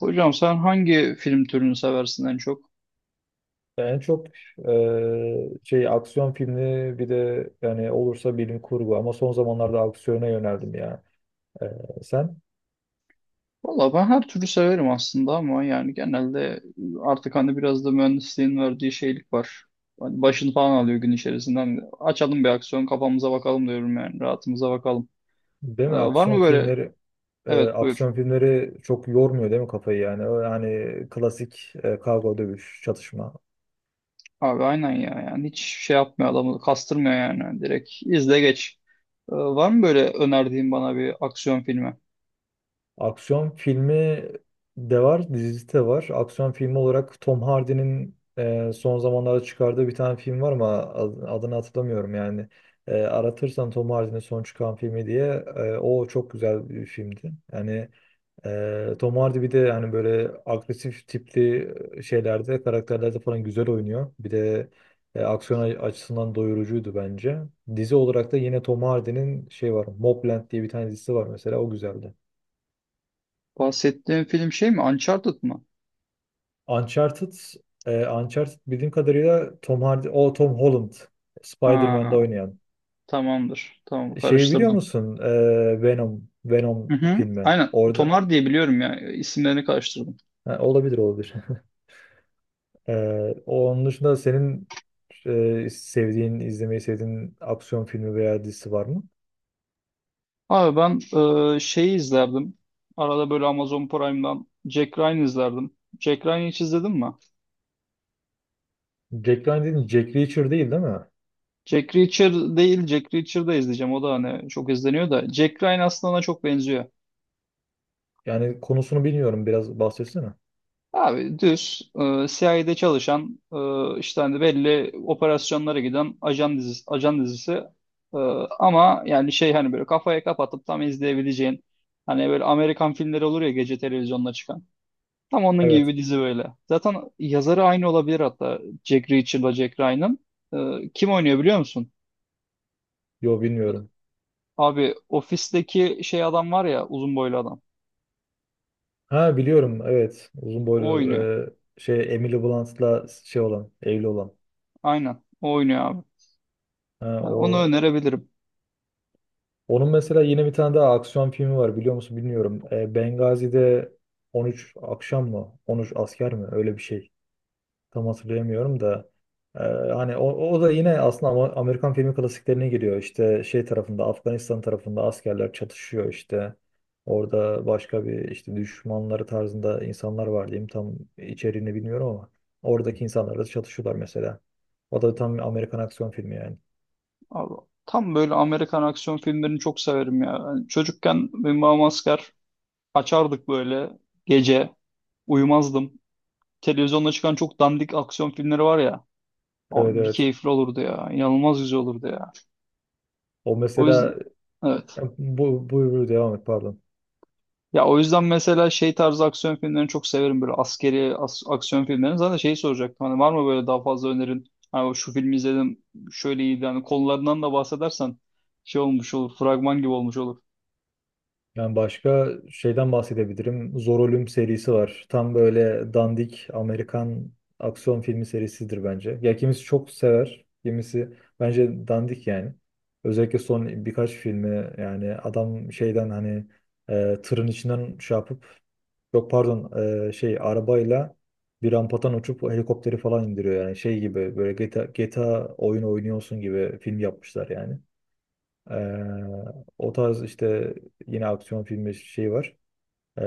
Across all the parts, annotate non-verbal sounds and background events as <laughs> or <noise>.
Hocam sen hangi film türünü seversin en çok? Yani en çok şey aksiyon filmi bir de yani olursa bilim kurgu ama son zamanlarda aksiyona yöneldim ya. Eee, sen, Valla ben her türlü severim aslında ama yani genelde artık hani biraz da mühendisliğin verdiği şeylik var. Hani başını falan alıyor gün içerisinden. Açalım bir aksiyon kafamıza bakalım diyorum yani rahatımıza bakalım. Değil mi? Var mı böyle? Evet buyur. Aksiyon filmleri çok yormuyor değil mi kafayı yani? O yani klasik, kavga dövüş çatışma. Abi aynen ya yani hiç şey yapmıyor adamı kastırmıyor yani. Hani direkt izle geç. Var mı böyle önerdiğin bana bir aksiyon filmi? Aksiyon filmi de var, dizisi de var. Aksiyon filmi olarak Tom Hardy'nin son zamanlarda çıkardığı bir tane film var ama adını hatırlamıyorum yani. Aratırsan Tom Hardy'nin son çıkan filmi diye, o çok güzel bir filmdi. Yani Tom Hardy bir de yani böyle agresif tipli, şeylerde, karakterlerde falan güzel oynuyor. Bir de aksiyon açısından doyurucuydu bence. Dizi olarak da yine Tom Hardy'nin şey var, Mobland diye bir tane dizisi var mesela, o güzeldi. Bahsettiğin film şey mi? Uncharted mı? Uncharted, Uncharted bildiğim kadarıyla Tom Hardy, o Tom Holland, Spider-Man'de Ha, oynayan. tamamdır. Tamam Şeyi biliyor karıştırdım. musun? Venom Hı hı. filmi. Aynen. Orada. Tomar diye biliyorum ya. İsimlerini karıştırdım. Ha, olabilir, olabilir. <laughs> E, Onun dışında senin, sevdiğin, izlemeyi sevdiğin aksiyon filmi veya dizisi var mı? Abi ben şeyi izlerdim. Arada böyle Amazon Prime'dan Jack Ryan izlerdim. Jack Ryan'ı hiç izledin mi? Jack Ryan dedin, Jack Reacher değil, değil mi? Jack Reacher değil, Jack Reacher'da izleyeceğim. O da hani çok izleniyor da. Jack Ryan aslında ona çok benziyor. Yani konusunu bilmiyorum. Biraz bahsetsene. Abi düz CIA'de çalışan işte hani belli operasyonlara giden ajan dizisi, ajan dizisi. E, ama yani şey hani böyle kafaya kapatıp tam izleyebileceğin. Hani böyle Amerikan filmleri olur ya gece televizyonda çıkan. Tam onun gibi Evet. bir dizi böyle. Zaten yazarı aynı olabilir hatta. Jack Reacher'la Jack Ryan'ın. Kim oynuyor biliyor musun? Yo, bilmiyorum. Abi ofisteki şey adam var ya uzun boylu adam. Ha, biliyorum. Evet. Uzun O boylu, oynuyor. Şey Emily Blunt'la şey olan, evli olan. Aynen. O oynuyor abi. Ha, Ha, onu o önerebilirim. onun mesela yine bir tane daha aksiyon filmi var, biliyor musun bilmiyorum. Bengazi'de 13 akşam mı? 13 asker mi? Öyle bir şey. Tam hatırlayamıyorum da. E, Hani o, da yine aslında Amerikan filmi klasiklerine giriyor. İşte şey tarafında, Afganistan tarafında askerler çatışıyor işte. Orada başka bir işte düşmanları tarzında insanlar var diyeyim. Tam içeriğini bilmiyorum ama oradaki insanlarla çatışıyorlar mesela. O da tam Amerikan aksiyon filmi yani. Abi, tam böyle Amerikan aksiyon filmlerini çok severim ya. Yani çocukken benim babam asker, açardık böyle gece. Uyumazdım. Televizyonda çıkan çok dandik aksiyon filmleri var ya. Evet, Abi bir evet. keyifli olurdu ya. İnanılmaz güzel olurdu ya. O O yüzden mesela, evet. ya, buyur buyur devam et, pardon. Ya o yüzden mesela şey tarzı aksiyon filmlerini çok severim böyle askeri aksiyon filmlerini. Zaten şeyi soracaktım hani var mı böyle daha fazla önerin? Hani şu filmi izledim şöyle iyiydi hani konularından da bahsedersen şey olmuş olur, fragman gibi olmuş olur. Yani başka şeyden bahsedebilirim. Zor Ölüm serisi var. Tam böyle dandik Amerikan aksiyon filmi serisidir bence. Ya kimisi çok sever, kimisi bence dandik yani. Özellikle son birkaç filmi, yani adam şeyden, hani tırın içinden şey yapıp, yok pardon, şey arabayla bir rampadan uçup helikopteri falan indiriyor yani, şey gibi böyle GTA, GTA oyun oynuyorsun gibi film yapmışlar yani. Ee, O tarz işte yine aksiyon filmi şey var. Ee,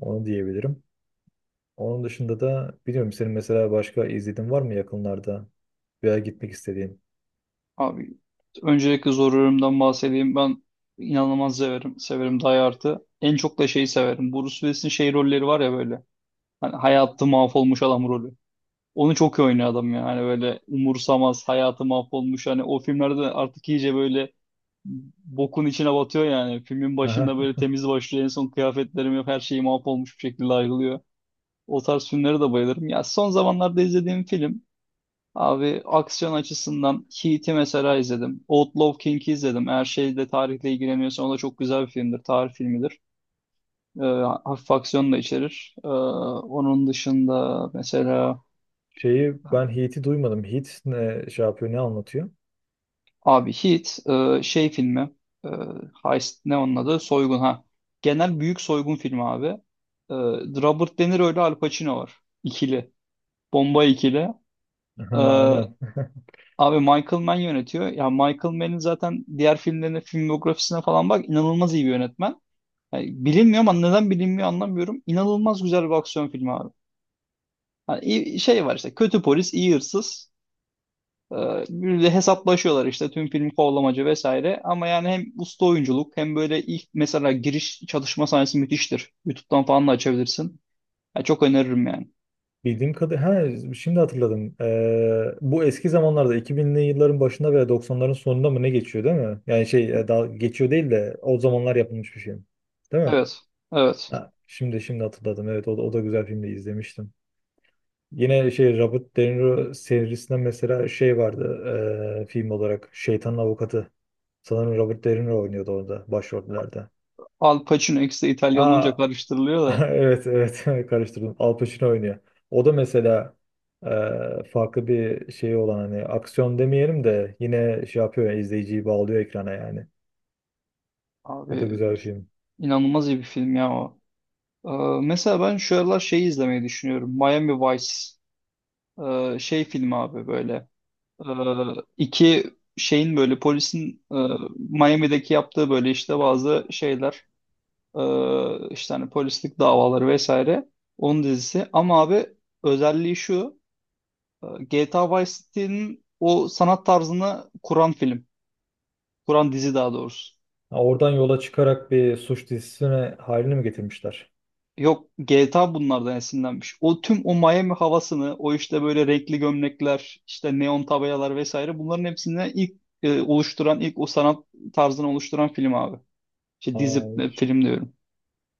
Onu diyebilirim. Onun dışında da biliyorum, senin mesela başka izlediğin var mı yakınlarda veya gitmek istediğin? Abi öncelikle Zor Ölüm'den bahsedeyim, ben inanılmaz severim Die Hard'ı. En çok da şeyi severim, Bruce Willis'in şey rolleri var ya böyle hani hayatı mahvolmuş adam rolü. Onu çok iyi oynuyor adam ya. Hani böyle umursamaz hayatı mahvolmuş, hani o filmlerde artık iyice böyle bokun içine batıyor yani. Filmin başında Aha. böyle temiz başlıyor. En son kıyafetlerim yok. Her şeyi mahvolmuş bir şekilde ayrılıyor. O tarz filmlere de bayılırım. Ya son zamanlarda izlediğim film, abi aksiyon açısından Heat'i mesela izledim. Outlaw King'i izledim. Eğer şeyde tarihle ilgileniyorsan o da çok güzel bir filmdir. Tarih filmidir. Ee, hafif aksiyon da içerir. Onun dışında mesela Şeyi, ben Heat'i duymadım. Heat ne şey yapıyor, ne anlatıyor? abi Heat, şey filmi, e, Heist ne onun adı? Soygun ha. Genel büyük soygun filmi abi. E, Robert De Niro ile Al Pacino var. İkili. Bomba ikili. E, Aha, aynen. <laughs> abi Michael Mann yönetiyor. Ya Michael Mann'in zaten diğer filmlerine, filmografisine falan bak, inanılmaz iyi bir yönetmen. Yani bilinmiyor ama neden bilinmiyor anlamıyorum. İnanılmaz güzel bir aksiyon filmi abi. Hani şey var işte, kötü polis, iyi hırsız. Ee, Bir de hesaplaşıyorlar işte, tüm film kovalamacı vesaire. Ama yani hem usta oyunculuk hem böyle ilk mesela giriş çalışma sahnesi müthiştir. YouTube'dan falan da açabilirsin. Ya çok öneririm yani. Bildiğim kadarıyla, ha şimdi hatırladım. Bu eski zamanlarda 2000'li yılların başında veya 90'ların sonunda mı ne geçiyor değil mi? Yani şey, daha geçiyor değil de o zamanlar yapılmış bir şey. Değil mi? Evet. Evet. Ha, şimdi hatırladım. Evet, o da güzel filmdi, izlemiştim. Yine şey Robert De Niro serisinden mesela şey vardı, film olarak Şeytanın Avukatı. Sanırım Robert De Niro oynuyordu orada başrollerde. Al Pacino X'de İtalyan olunca Aa, <laughs> karıştırılıyor da. evet, evet, <laughs> karıştırdım. Al Pacino oynuyor. O da mesela, e, farklı bir şey olan, hani aksiyon demeyelim de yine şey yapıyor ya, izleyiciyi bağlıyor ekrana yani. O da Abi güzel bir film. inanılmaz iyi bir film ya o. Ee, mesela ben şu aralar şeyi izlemeyi düşünüyorum. Miami Vice. Şey film abi böyle. Ee, iki şeyin böyle polisin, Miami'deki yaptığı böyle işte bazı şeyler. İşte hani polislik davaları vesaire. Onun dizisi. Ama abi özelliği şu. e, GTA Vice City'nin o sanat tarzını kuran film. Kuran dizi daha doğrusu. Ha, oradan yola çıkarak bir suç dizisine halini mi getirmişler? Yok, GTA bunlardan esinlenmiş. O tüm o Miami havasını, o işte böyle renkli gömlekler, işte neon tabelalar vesaire, bunların hepsini ilk oluşturan, ilk o sanat tarzını oluşturan film abi. İşte dizi, Aa, hiç, film diyorum.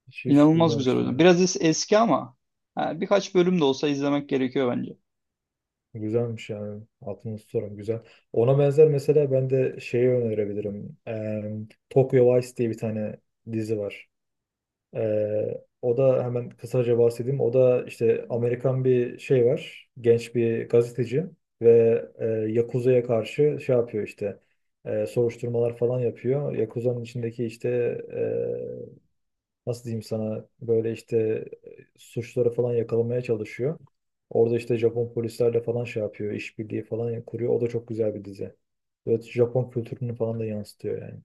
hiç, hiç İnanılmaz güzel duymamıştım oyun. ya. Biraz eski ama ha, birkaç bölüm de olsa izlemek gerekiyor bence. Güzelmiş yani. Altını tutarım güzel. Ona benzer, mesela ben de şeyi önerebilirim. Tokyo Vice diye bir tane dizi var. O da hemen kısaca bahsedeyim. O da işte Amerikan bir şey var. Genç bir gazeteci ve Yakuza'ya karşı şey yapıyor işte. Soruşturmalar falan yapıyor. Yakuza'nın içindeki işte, e, nasıl diyeyim sana, böyle işte suçları falan yakalamaya çalışıyor. Orada işte Japon polislerle falan şey yapıyor, işbirliği falan kuruyor. O da çok güzel bir dizi. Evet, Japon kültürünü falan da yansıtıyor yani.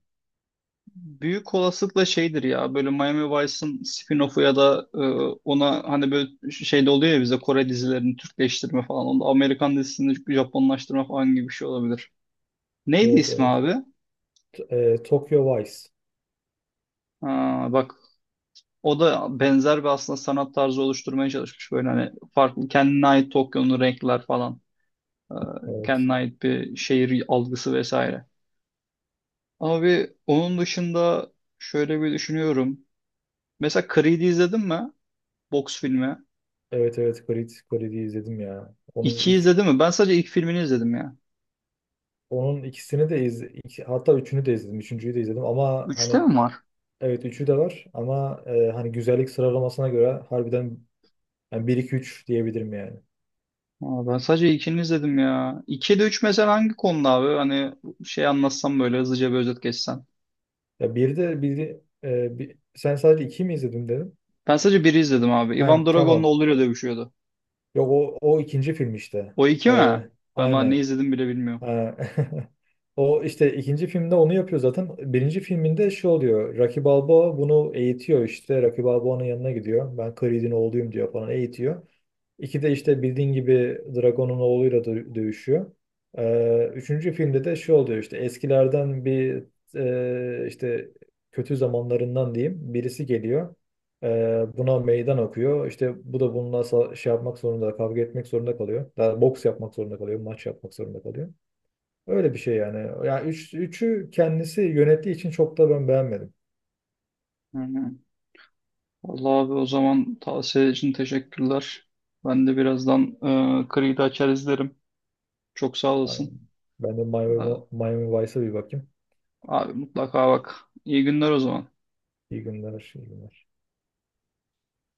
Büyük olasılıkla şeydir ya böyle Miami Vice'ın spin-off'u ya da ona hani böyle şeyde oluyor ya, bize Kore dizilerini Türkleştirme falan. Onda Amerikan dizisini Japonlaştırma falan gibi bir şey olabilir. Neydi Evet, ismi evet. abi? Tokyo Vice. Ha, bak o da benzer bir aslında sanat tarzı oluşturmaya çalışmış. Böyle hani farklı kendine ait Tokyo'nun renkler falan. e, Evet. kendine ait bir şehir algısı vesaire. Abi onun dışında şöyle bir düşünüyorum. Mesela Creed'i izledin mi? Boks filmi. Evet, evet, Creed, Creed'i izledim ya. İki izledin mi? Ben sadece ilk filmini izledim ya. Onun ikisini de hatta üçünü de izledim. Üçüncüyü de izledim ama Üçte hani mi var? evet üçü de var ama hani güzellik sıralamasına göre harbiden yani 1 2 3 diyebilirim yani. Aa, ben sadece ilkini izledim ya. İki de üç mesela hangi konuda abi? Hani şey anlatsam böyle hızlıca bir özet geçsen. Ya bir de sen sadece 2 mi izledin dedim. Ben sadece biri izledim abi. Ivan Hem Drago'nun tamam. oğluyla dövüşüyordu. Yok, o ikinci film işte. O iki E, mi? Ben var ne aynen. izledim bile bilmiyorum. Ha. <laughs> O işte ikinci filmde onu yapıyor zaten. Birinci filminde şu oluyor. Rocky Balboa bunu eğitiyor işte. Rocky Balboa'nın yanına gidiyor. Ben Creed'in oğluyum diyor falan, eğitiyor. İki de işte bildiğin gibi Dragon'un oğluyla dövüşüyor. Üçüncü filmde de şu oluyor, işte eskilerden bir, işte kötü zamanlarından diyeyim birisi geliyor. Buna meydan okuyor. İşte bu da bununla şey yapmak zorunda, kavga etmek zorunda kalıyor. Daha boks yapmak zorunda kalıyor, maç yapmak zorunda kalıyor. Öyle bir şey yani. Yani üçü kendisi yönettiği için çok da ben beğenmedim. Hı hı. Vallahi abi o zaman tavsiye için teşekkürler. Ben de birazdan Creed'i açar izlerim. Çok sağ Yani olasın. ben de Ee, Miami Vice'a bir bakayım. Abi mutlaka bak. İyi günler o zaman. İyi günler, iyi günler.